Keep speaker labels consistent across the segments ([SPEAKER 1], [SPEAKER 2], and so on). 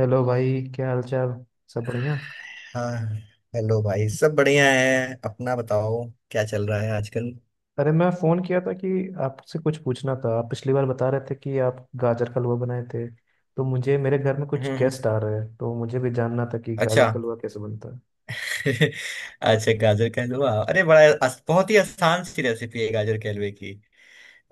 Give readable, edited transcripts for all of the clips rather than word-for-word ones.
[SPEAKER 1] Hello भाई, क्या हाल चाल। सब बढ़िया।
[SPEAKER 2] हाँ। हेलो भाई, सब बढ़िया है, अपना बताओ। क्या चल रहा है आजकल?
[SPEAKER 1] अरे मैं फ़ोन किया था कि आपसे कुछ पूछना था। आप पिछली बार बता रहे थे कि आप गाजर का हलवा बनाए थे, तो मुझे मेरे घर में कुछ
[SPEAKER 2] हम्म, हम्म।
[SPEAKER 1] गेस्ट आ रहे हैं, तो मुझे भी जानना था कि
[SPEAKER 2] अच्छा।
[SPEAKER 1] गाजर का हलवा कैसे बनता है।
[SPEAKER 2] अच्छा, गाजर का हलवा, अरे, बड़ा बहुत ही आसान सी रेसिपी है गाजर के हलवे की।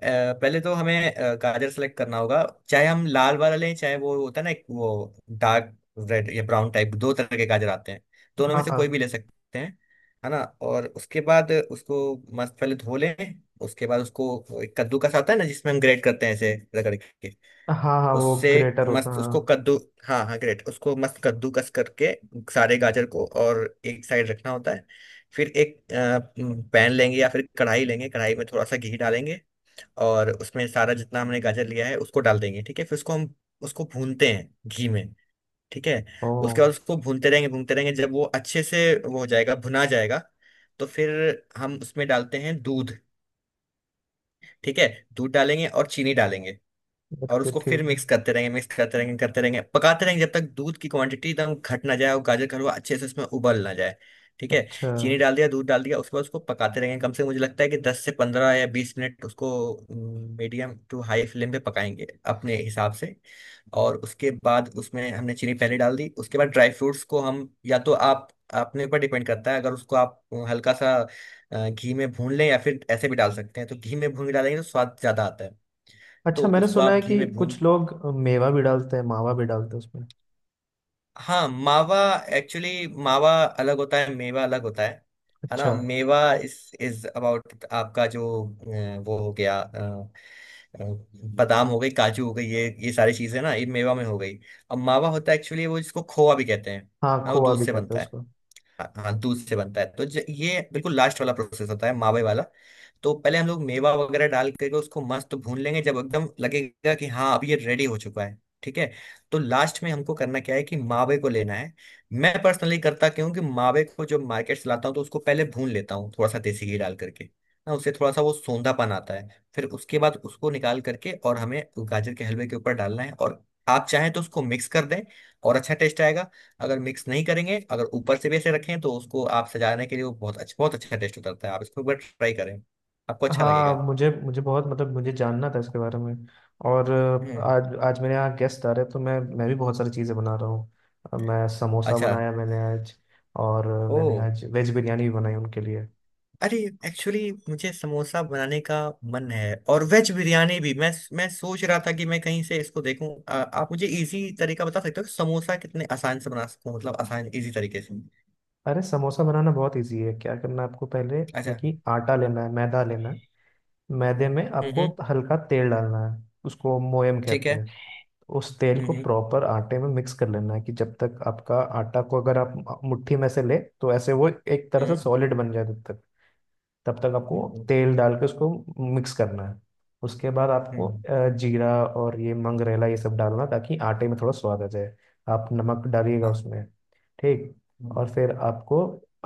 [SPEAKER 2] पहले तो हमें गाजर सेलेक्ट करना होगा। चाहे हम लाल वाला लें, चाहे वो होता है ना एक वो डार्क रेड या ब्राउन टाइप, दो तरह के गाजर आते हैं। दोनों
[SPEAKER 1] हाँ
[SPEAKER 2] में से
[SPEAKER 1] हाँ।
[SPEAKER 2] कोई भी ले सकते हैं, है ना। और उसके बाद उसको मस्त पहले धो लें, उसके बाद उसको एक कद्दूकस आता है ना, जिसमें हम ग्रेट करते हैं ऐसे रगड़ के
[SPEAKER 1] हाँ हाँ, वो
[SPEAKER 2] उससे,
[SPEAKER 1] ग्रेटर होता है,
[SPEAKER 2] मस्त उसको
[SPEAKER 1] हाँ।
[SPEAKER 2] कद्दू हाँ हाँ, ग्रेट, उसको मस्त कद्दूकस करके सारे गाजर को, और एक साइड रखना होता है। फिर एक पैन लेंगे या फिर कढ़ाई लेंगे, कढ़ाई में थोड़ा सा घी डालेंगे और उसमें सारा जितना हमने गाजर लिया है उसको डाल देंगे। ठीक है, फिर उसको हम उसको भूनते हैं घी में। ठीक है।
[SPEAKER 1] ओ।
[SPEAKER 2] उसके बाद उसको भूनते रहेंगे, भूनते रहेंगे, जब वो अच्छे से वो हो जाएगा, भुना जाएगा, तो फिर हम उसमें डालते हैं दूध। ठीक है, दूध डालेंगे और चीनी डालेंगे और
[SPEAKER 1] ओके,
[SPEAKER 2] उसको फिर
[SPEAKER 1] ठीक है।
[SPEAKER 2] मिक्स करते रहेंगे, मिक्स करते रहेंगे, करते रहेंगे, पकाते रहेंगे जब तक दूध की क्वांटिटी एकदम घट ना जाए और गाजर का हलवा अच्छे से उसमें उबल ना जाए। ठीक है।
[SPEAKER 1] अच्छा।
[SPEAKER 2] चीनी डाल दिया, दूध डाल दिया, उसके बाद उसको पकाते रहेंगे कम से कम, मुझे लगता है कि 10 से 15 या 20 मिनट उसको मीडियम टू हाई फ्लेम पे पकाएंगे अपने हिसाब से। और उसके बाद उसमें हमने चीनी पहले डाल दी, उसके बाद ड्राई फ्रूट्स को हम या तो आप अपने ऊपर डिपेंड करता है, अगर उसको आप हल्का सा घी में भून लें या फिर ऐसे भी डाल सकते हैं। तो घी में भून के डालेंगे तो स्वाद ज्यादा आता है।
[SPEAKER 1] अच्छा,
[SPEAKER 2] तो
[SPEAKER 1] मैंने
[SPEAKER 2] उसको
[SPEAKER 1] सुना
[SPEAKER 2] आप
[SPEAKER 1] है
[SPEAKER 2] घी
[SPEAKER 1] कि
[SPEAKER 2] में भून।
[SPEAKER 1] कुछ लोग मेवा भी डालते हैं, मावा भी डालते हैं उसमें।
[SPEAKER 2] हाँ, मावा। एक्चुअली मावा अलग होता है, मेवा अलग होता है ना।
[SPEAKER 1] अच्छा।
[SPEAKER 2] मेवा इस इज अबाउट आपका जो वो हो गया अ, बादाम हो गई, काजू हो गई, ये सारी चीजें ना ये मेवा में हो गई। अब मावा होता है एक्चुअली वो जिसको खोआ भी कहते हैं।
[SPEAKER 1] हाँ,
[SPEAKER 2] हाँ, वो
[SPEAKER 1] खोआ
[SPEAKER 2] दूध
[SPEAKER 1] भी
[SPEAKER 2] से
[SPEAKER 1] कहते हैं
[SPEAKER 2] बनता है।
[SPEAKER 1] उसको।
[SPEAKER 2] हाँ, हाँ, दूध से बनता है। तो ये बिल्कुल लास्ट वाला प्रोसेस होता है मावे वाला। तो पहले हम लोग मेवा वगैरह डाल करके उसको मस्त भून लेंगे, जब एकदम लगेगा कि हाँ, अब ये रेडी हो चुका है, ठीक है। तो लास्ट में हमको करना क्या है कि मावे को लेना है। मैं पर्सनली करता क्यों कि मावे को जब मार्केट से लाता हूँ तो उसको पहले भून लेता हूँ थोड़ा सा देसी घी डाल करके ना, उससे थोड़ा सा वो सोंधापन आता है। फिर उसके बाद उसको निकाल करके और हमें गाजर के हलवे के ऊपर डालना है, और आप चाहें तो उसको मिक्स कर दें, और अच्छा टेस्ट आएगा। अगर मिक्स नहीं करेंगे, अगर ऊपर से भी ऐसे रखें तो उसको आप सजाने के लिए, वो बहुत अच्छा, बहुत अच्छा टेस्ट उतरता है। आप इसको एक बार ट्राई करें, आपको अच्छा लगेगा।
[SPEAKER 1] हाँ, मुझे मुझे बहुत मतलब मुझे जानना था इसके बारे में। और
[SPEAKER 2] हम्म।
[SPEAKER 1] आज आज मेरे यहाँ गेस्ट आ रहे हैं, तो मैं भी बहुत सारी चीज़ें बना रहा हूँ। मैं समोसा
[SPEAKER 2] अच्छा।
[SPEAKER 1] बनाया मैंने आज। और
[SPEAKER 2] ओ।
[SPEAKER 1] मैंने आज वेज बिरयानी भी बनाई उनके लिए।
[SPEAKER 2] अरे, एक्चुअली मुझे समोसा बनाने का मन है, और वेज बिरयानी भी मैं सोच रहा था कि मैं कहीं से इसको देखूं। आ, आप मुझे इजी तरीका बता सकते हो कि समोसा कितने आसान से बना सकूं, मतलब आसान इजी तरीके से।
[SPEAKER 1] अरे समोसा बनाना बहुत इजी है। क्या करना है आपको, पहले
[SPEAKER 2] अच्छा।
[SPEAKER 1] एक ही आटा लेना है, मैदा लेना है। मैदे में
[SPEAKER 2] हम्म,
[SPEAKER 1] आपको
[SPEAKER 2] हम्म।
[SPEAKER 1] हल्का तेल डालना है, उसको मोयम
[SPEAKER 2] ठीक
[SPEAKER 1] कहते
[SPEAKER 2] है।
[SPEAKER 1] हैं। उस तेल को
[SPEAKER 2] हम्म,
[SPEAKER 1] प्रॉपर आटे में मिक्स कर लेना है कि जब तक आपका आटा को अगर आप मुट्ठी में से ले तो ऐसे वो एक तरह से
[SPEAKER 2] हम्म।
[SPEAKER 1] सॉलिड बन जाए तब तक। तब तक आपको
[SPEAKER 2] हम्म, हम्म।
[SPEAKER 1] तेल डाल के उसको मिक्स करना है। उसके बाद
[SPEAKER 2] हम्म,
[SPEAKER 1] आपको
[SPEAKER 2] हम्म,
[SPEAKER 1] जीरा और ये मंगरेला ये सब डालना, ताकि आटे में थोड़ा स्वाद आ जाए। आप नमक डालिएगा
[SPEAKER 2] हाँ।
[SPEAKER 1] उसमें। ठीक। और
[SPEAKER 2] हम्म,
[SPEAKER 1] फिर आपको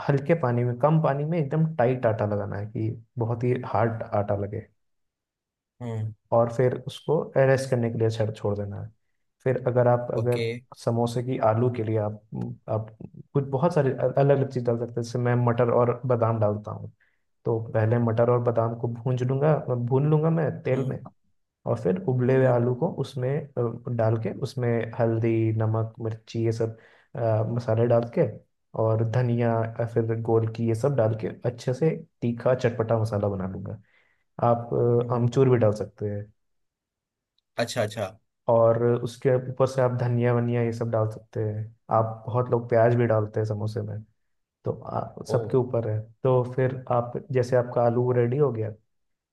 [SPEAKER 1] हल्के पानी में, कम पानी में, एकदम टाइट आटा लगाना है कि बहुत ही हार्ड आटा लगे।
[SPEAKER 2] हम्म।
[SPEAKER 1] और फिर उसको एरेस्ट करने के लिए छड़ छोड़ देना है। फिर अगर आप, अगर
[SPEAKER 2] ओके।
[SPEAKER 1] समोसे की आलू के लिए आप, आप कुछ बहुत सारे अलग अलग चीज़ डाल सकते हैं, जैसे मैं मटर और बादाम डालता हूँ। तो पहले मटर और बादाम को भूंज लूंगा भून लूंगा मैं तेल
[SPEAKER 2] हम्म,
[SPEAKER 1] में। और फिर उबले हुए
[SPEAKER 2] हम्म,
[SPEAKER 1] आलू को उसमें डाल के उसमें हल्दी, नमक, मिर्ची, ये सब मसाले डाल के, और धनिया या फिर गोल की ये सब डाल के, अच्छे से तीखा चटपटा मसाला बना लूंगा। आप
[SPEAKER 2] हम्म।
[SPEAKER 1] आमचूर भी डाल सकते हैं।
[SPEAKER 2] अच्छा, अच्छा।
[SPEAKER 1] और उसके ऊपर से आप धनिया वनिया ये सब डाल सकते हैं। आप, बहुत लोग प्याज भी डालते हैं समोसे में। तो सबके
[SPEAKER 2] ओ।
[SPEAKER 1] ऊपर है। तो फिर आप जैसे आपका आलू रेडी हो गया,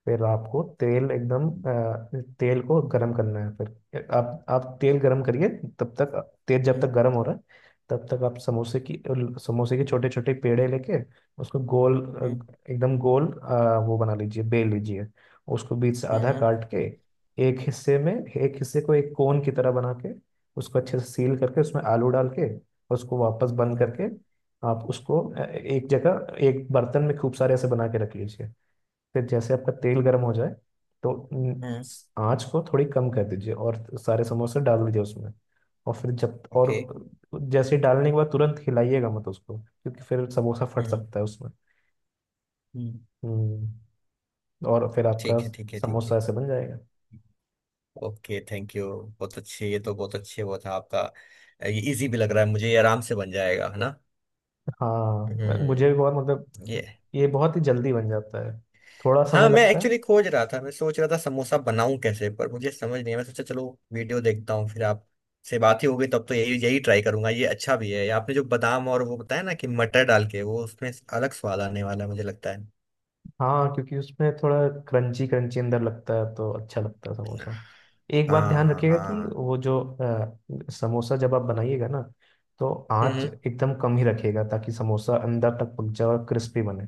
[SPEAKER 1] फिर आपको तेल एकदम तेल को गर्म करना है। फिर आप तेल गर्म करिए, तब तक, तेल जब तक
[SPEAKER 2] हम्म,
[SPEAKER 1] गर्म हो रहा है, तब तक आप समोसे के छोटे छोटे पेड़े लेके उसको गोल,
[SPEAKER 2] हम्म,
[SPEAKER 1] एकदम गोल, अ, वो बना लीजिए, बेल लीजिए। उसको बीच से आधा
[SPEAKER 2] हम्म,
[SPEAKER 1] काट के, एक हिस्से को एक कोन की तरह बना के, उसको अच्छे से सील करके, उसमें आलू डाल के, उसको वापस बंद
[SPEAKER 2] हम्म,
[SPEAKER 1] करके, आप उसको एक जगह एक बर्तन में खूब सारे ऐसे बना के रख लीजिए। फिर जैसे आपका तेल गर्म हो जाए तो
[SPEAKER 2] हम्म।
[SPEAKER 1] आँच को थोड़ी कम कर दीजिए और सारे समोसे डाल दीजिए उसमें। और फिर जब और
[SPEAKER 2] ओके।
[SPEAKER 1] जैसे ही डालने के बाद तुरंत हिलाइएगा मत उसको, क्योंकि फिर समोसा फट
[SPEAKER 2] हम्म,
[SPEAKER 1] सकता है उसमें।
[SPEAKER 2] हम्म।
[SPEAKER 1] हम्म। और फिर आपका
[SPEAKER 2] ठीक है, ठीक है, ठीक
[SPEAKER 1] समोसा
[SPEAKER 2] है।
[SPEAKER 1] ऐसे बन जाएगा।
[SPEAKER 2] Okay, thank you. बहुत अच्छे, ये तो बहुत अच्छे वो था आपका। ये इजी भी लग रहा है मुझे, ये आराम से बन जाएगा, है ना।
[SPEAKER 1] हाँ, मुझे
[SPEAKER 2] हम्म।
[SPEAKER 1] भी बहुत मतलब
[SPEAKER 2] ये,
[SPEAKER 1] ये बहुत ही जल्दी बन जाता है, थोड़ा समय
[SPEAKER 2] हाँ मैं
[SPEAKER 1] लगता है।
[SPEAKER 2] एक्चुअली खोज रहा था, मैं सोच रहा था समोसा बनाऊं कैसे, पर मुझे समझ नहीं है। मैं सोचा चलो वीडियो देखता हूँ, फिर आप से बात ही होगी तब तो यही यही ट्राई करूंगा। ये अच्छा भी है आपने जो बादाम और वो बताया ना कि मटर डाल के, वो उसमें अलग स्वाद आने वाला है, मुझे लगता
[SPEAKER 1] हाँ, क्योंकि उसमें थोड़ा क्रंची क्रंची अंदर लगता है तो अच्छा लगता है
[SPEAKER 2] है।
[SPEAKER 1] समोसा। एक बात
[SPEAKER 2] हाँ,
[SPEAKER 1] ध्यान
[SPEAKER 2] हाँ,
[SPEAKER 1] रखिएगा कि
[SPEAKER 2] हाँ।
[SPEAKER 1] वो जो समोसा जब आप बनाइएगा ना, तो आंच
[SPEAKER 2] हम्म।
[SPEAKER 1] एकदम कम ही रखिएगा, ताकि समोसा अंदर तक पक जाए और क्रिस्पी बने।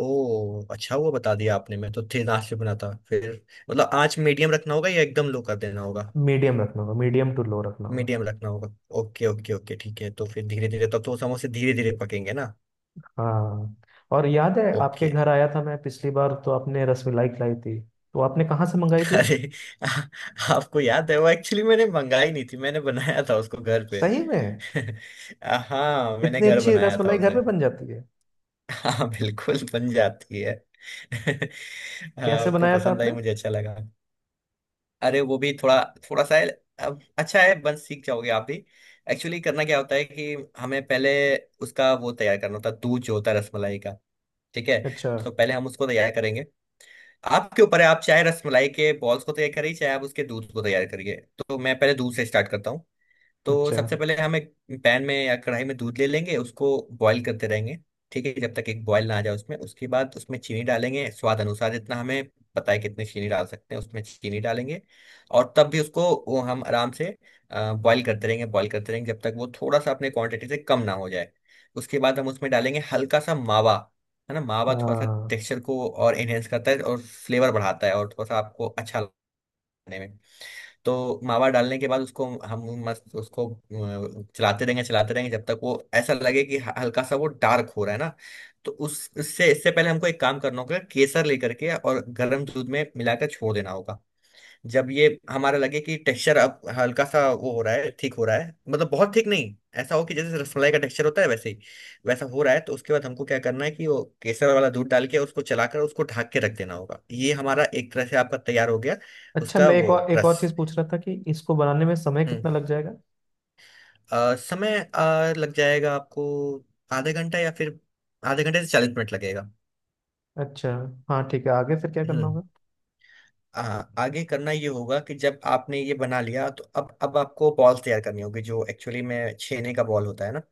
[SPEAKER 2] ओ, अच्छा हुआ बता दिया आपने, मैं तो थिन आंच पे बना था फिर। मतलब आंच मीडियम रखना होगा या एकदम लो कर देना होगा?
[SPEAKER 1] मीडियम रखना होगा, मीडियम टू लो रखना होगा।
[SPEAKER 2] मीडियम रखना होगा। Okay, okay, okay. ठीक है, तो फिर धीरे धीरे तब तो समोसे धीरे धीरे पकेंगे ना।
[SPEAKER 1] हाँ। और याद है, आपके
[SPEAKER 2] ओके।
[SPEAKER 1] घर आया था मैं पिछली बार, तो आपने रसमलाई खिलाई थी, तो आपने कहाँ से मंगाई थी ये?
[SPEAKER 2] अरे, आपको याद है, वो एक्चुअली मैंने मंगाई नहीं थी, मैंने बनाया था उसको घर पे।
[SPEAKER 1] सही में?
[SPEAKER 2] आ, हाँ, मैंने
[SPEAKER 1] इतनी
[SPEAKER 2] घर
[SPEAKER 1] अच्छी
[SPEAKER 2] बनाया था
[SPEAKER 1] रसमलाई घर
[SPEAKER 2] उसे।
[SPEAKER 1] में बन जाती है?
[SPEAKER 2] हाँ, बिल्कुल बन जाती है।
[SPEAKER 1] कैसे
[SPEAKER 2] आपको
[SPEAKER 1] बनाया था
[SPEAKER 2] पसंद
[SPEAKER 1] आपने?
[SPEAKER 2] आई, मुझे अच्छा लगा। अरे, वो भी थोड़ा, थोड़ा सा है, अब अच्छा है, बस सीख जाओगे आप भी। एक्चुअली करना क्या होता है कि हमें पहले उसका वो तैयार करना होता है, दूध जो होता है रसमलाई का। ठीक है।
[SPEAKER 1] अच्छा।
[SPEAKER 2] तो पहले हम उसको तैयार करेंगे, आपके ऊपर है, आप चाहे रसमलाई के बॉल्स को तैयार करिए, चाहे आप उसके दूध को तैयार करिए। तो मैं पहले दूध से स्टार्ट करता हूँ। तो
[SPEAKER 1] अच्छा।
[SPEAKER 2] सबसे पहले हम एक पैन में या कढ़ाई में दूध ले लेंगे, उसको बॉईल करते रहेंगे। ठीक है, जब तक एक बॉईल ना आ जाए उसमें, उसके बाद उसमें चीनी डालेंगे स्वाद अनुसार, जितना हमें पता है कितनी चीनी डाल सकते हैं उसमें, चीनी डालेंगे। और तब भी उसको वो हम आराम से बॉईल करते रहेंगे, बॉईल करते रहेंगे, जब तक वो थोड़ा सा अपने क्वांटिटी से कम ना हो जाए। उसके बाद हम उसमें डालेंगे हल्का सा मावा, है ना। मावा थोड़ा सा
[SPEAKER 1] हाँ।
[SPEAKER 2] टेक्सचर को और एनहेंस करता है और फ्लेवर बढ़ाता है, और थोड़ा सा आपको अच्छा लगने में। तो मावा डालने के बाद उसको हम मस्त उसको चलाते रहेंगे, चलाते रहेंगे जब तक वो ऐसा लगे कि हल्का सा वो डार्क हो रहा है ना। तो उस उससे इससे पहले हमको एक काम करना होगा, केसर लेकर के और गर्म दूध में मिलाकर छोड़ देना होगा। जब ये हमारा लगे कि टेक्सचर अब हल्का सा वो हो रहा है, ठीक हो रहा है, मतलब बहुत ठीक नहीं, ऐसा हो कि जैसे रसमलाई का टेक्सचर होता है वैसे ही वैसा हो रहा है, तो उसके बाद हमको क्या करना है कि वो केसर वाला दूध डाल के उसको चलाकर उसको ढक के रख देना होगा। ये हमारा एक तरह से आपका तैयार हो गया
[SPEAKER 1] अच्छा,
[SPEAKER 2] उसका,
[SPEAKER 1] मैं एक
[SPEAKER 2] वो
[SPEAKER 1] और एक और
[SPEAKER 2] रस।
[SPEAKER 1] चीज पूछ रहा था कि इसको बनाने में समय कितना
[SPEAKER 2] हम्म।
[SPEAKER 1] लग जाएगा?
[SPEAKER 2] समय लग जाएगा आपको आधे घंटा या फिर आधे घंटे से 40 मिनट लगेगा।
[SPEAKER 1] अच्छा। हाँ ठीक है, आगे फिर क्या करना
[SPEAKER 2] हम्म।
[SPEAKER 1] होगा?
[SPEAKER 2] आ, आगे करना ये होगा कि जब आपने ये बना लिया तो अब आपको बॉल्स तैयार करनी होगी, जो एक्चुअली में छेने का बॉल होता है ना।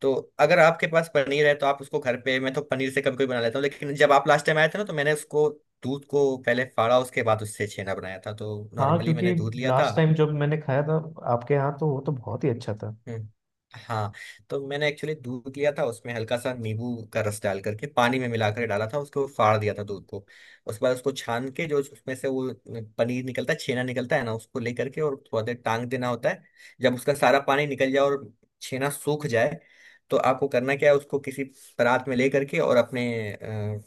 [SPEAKER 2] तो अगर आपके पास पनीर है तो आप उसको घर पे, मैं तो पनीर से कभी कभी बना लेता हूँ, लेकिन जब आप लास्ट टाइम आए थे ना तो मैंने उसको दूध को पहले फाड़ा, उसके बाद उससे छेना बनाया था। तो
[SPEAKER 1] हाँ,
[SPEAKER 2] नॉर्मली मैंने
[SPEAKER 1] क्योंकि
[SPEAKER 2] दूध लिया था।
[SPEAKER 1] लास्ट टाइम जब मैंने खाया था आपके यहाँ, तो वो तो बहुत ही अच्छा था।
[SPEAKER 2] हम्म, हाँ। तो मैंने एक्चुअली दूध लिया था, उसमें हल्का सा नींबू का रस डाल करके पानी में मिलाकर डाला था, उसको फाड़ दिया था दूध को। उसके बाद उसको छान के जो उसमें से वो पनीर निकलता है, छेना निकलता है ना, उसको ले करके और थोड़ा देर टांग देना होता है। जब उसका सारा पानी निकल जाए और छेना सूख जाए, तो आपको करना क्या है उसको किसी परात में ले करके और अपने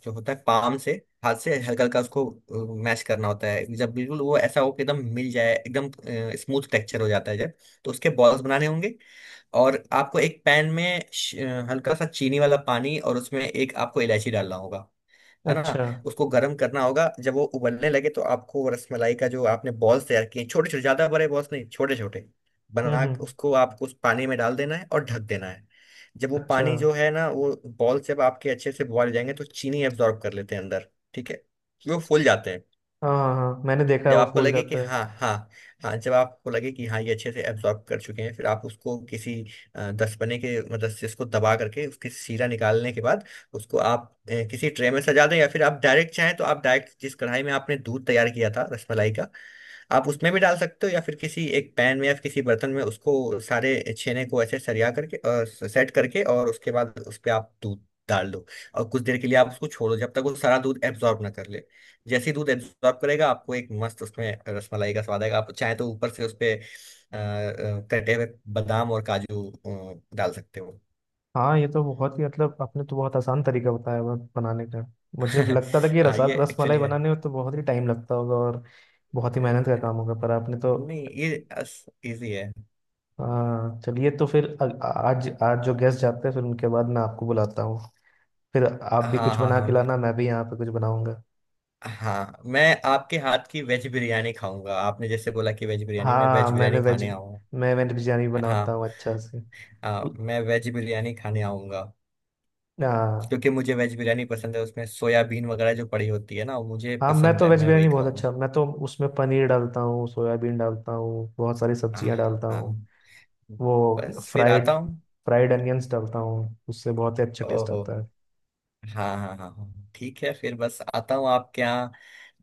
[SPEAKER 2] जो होता है पाम से, हाथ से हल्का हल्का उसको मैश करना होता है जब बिल्कुल वो ऐसा हो कि एकदम मिल जाए, एकदम स्मूथ टेक्सचर हो जाता है जब। तो उसके बॉल्स बनाने होंगे, और आपको एक पैन में हल्का सा चीनी वाला पानी और उसमें एक आपको इलायची डालना होगा, है ना।
[SPEAKER 1] अच्छा।
[SPEAKER 2] उसको गर्म करना होगा, जब वो उबलने लगे तो आपको वो रसमलाई का जो आपने बॉल्स तैयार किए छोटे छोटे, ज्यादा बड़े बॉल्स नहीं, छोटे छोटे बना के
[SPEAKER 1] हम्म।
[SPEAKER 2] उसको आपको उस पानी में डाल देना है और ढक देना है। जब वो
[SPEAKER 1] अच्छा।
[SPEAKER 2] पानी जो है ना, वो बॉल्स जब आपके अच्छे से बॉयल हो जाएंगे तो चीनी एब्जॉर्ब कर लेते हैं अंदर, ठीक है। वो फूल जाते हैं।
[SPEAKER 1] हाँ हाँ हाँ, मैंने देखा है
[SPEAKER 2] जब
[SPEAKER 1] वो
[SPEAKER 2] आपको
[SPEAKER 1] फूल
[SPEAKER 2] लगे कि
[SPEAKER 1] जाता है।
[SPEAKER 2] हाँ, हाँ, हाँ, जब आपको लगे कि हाँ ये अच्छे से एब्जॉर्ब कर चुके हैं, फिर आप उसको किसी दसपने के मदद से इसको दबा करके उसकी शीरा निकालने के बाद उसको आप किसी ट्रे में सजा दें, या फिर आप डायरेक्ट चाहें तो आप डायरेक्ट जिस कढ़ाई में आपने दूध तैयार किया था रसमलाई का, आप उसमें भी डाल सकते हो, या फिर किसी एक पैन में या फिर किसी बर्तन में उसको सारे छेने को ऐसे सरिया करके और सेट करके, और उसके बाद उस पर आप दूध डाल दो। और कुछ देर के लिए आप उसको छोड़ो जब तक वो सारा दूध एब्जॉर्ब ना कर ले। जैसे ही दूध एब्जॉर्ब करेगा आपको एक मस्त उसमें रसमलाई का स्वाद आएगा। आप चाहे तो ऊपर से उसपे कटे हुए बादाम और काजू डाल सकते हो।
[SPEAKER 1] हाँ, ये तो बहुत ही मतलब आपने तो बहुत आसान तरीका बताया हुआ बनाने का। मुझे लगता था कि रसा
[SPEAKER 2] ये
[SPEAKER 1] रस मलाई
[SPEAKER 2] एक्चुअली है,
[SPEAKER 1] बनाने में तो बहुत ही टाइम लगता होगा और बहुत ही मेहनत का
[SPEAKER 2] अ,
[SPEAKER 1] काम होगा, पर आपने तो।
[SPEAKER 2] नहीं ये इजी है।
[SPEAKER 1] हाँ, चलिए तो फिर आज आज जो गेस्ट जाते हैं फिर उनके बाद मैं आपको बुलाता हूँ। फिर आप भी
[SPEAKER 2] हाँ,
[SPEAKER 1] कुछ
[SPEAKER 2] हाँ,
[SPEAKER 1] बना के
[SPEAKER 2] हाँ,
[SPEAKER 1] लाना,
[SPEAKER 2] बिल्कुल।
[SPEAKER 1] मैं भी यहाँ पे कुछ बनाऊंगा।
[SPEAKER 2] हाँ, मैं आपके हाथ की वेज बिरयानी खाऊंगा। आपने जैसे बोला कि वेज बिरयानी मैं
[SPEAKER 1] हाँ
[SPEAKER 2] वेज
[SPEAKER 1] मैंने
[SPEAKER 2] बिरयानी
[SPEAKER 1] वेज
[SPEAKER 2] खाने आऊंगा।
[SPEAKER 1] मैं वेज बिरयानी बनाता
[SPEAKER 2] हाँ,
[SPEAKER 1] हूँ अच्छा से।
[SPEAKER 2] आ,
[SPEAKER 1] उ-
[SPEAKER 2] मैं वेज बिरयानी खाने आऊंगा
[SPEAKER 1] हाँ।
[SPEAKER 2] क्योंकि मुझे वेज बिरयानी पसंद है। उसमें सोयाबीन वगैरह जो पड़ी होती है ना, वो मुझे
[SPEAKER 1] हाँ, मैं
[SPEAKER 2] पसंद
[SPEAKER 1] तो
[SPEAKER 2] है,
[SPEAKER 1] वेज
[SPEAKER 2] मैं वही
[SPEAKER 1] बिरयानी बहुत अच्छा,
[SPEAKER 2] खाऊंगा।
[SPEAKER 1] मैं तो उसमें पनीर डालता हूँ, सोयाबीन डालता हूँ, बहुत सारी
[SPEAKER 2] आह,
[SPEAKER 1] सब्जियाँ डालता हूँ।
[SPEAKER 2] हाँ,
[SPEAKER 1] वो
[SPEAKER 2] बस फिर
[SPEAKER 1] फ्राइड
[SPEAKER 2] आता हूँ।
[SPEAKER 1] फ्राइड अनियंस डालता हूँ, उससे बहुत ही अच्छा टेस्ट
[SPEAKER 2] ओहो।
[SPEAKER 1] आता है।
[SPEAKER 2] हाँ, हाँ, हाँ, हाँ, हाँ। ठीक है, फिर बस आता हूँ आपके यहाँ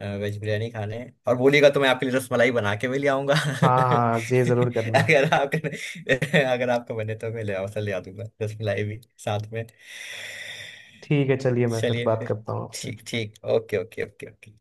[SPEAKER 2] वेज बिरयानी खाने। और बोलिएगा तो मैं आपके लिए रसमलाई बना के भी ले आऊंगा।
[SPEAKER 1] हाँ हाँ, ये जरूर करना।
[SPEAKER 2] अगर आप, अगर आपका बने तो मैं ले आऊँ, ले आ दूंगा रसमलाई भी साथ में।
[SPEAKER 1] ठीक है, चलिए मैं फिर
[SPEAKER 2] चलिए
[SPEAKER 1] बात
[SPEAKER 2] फिर।
[SPEAKER 1] करता हूँ आपसे।
[SPEAKER 2] ठीक, ठीक। Okay, okay, okay, okay.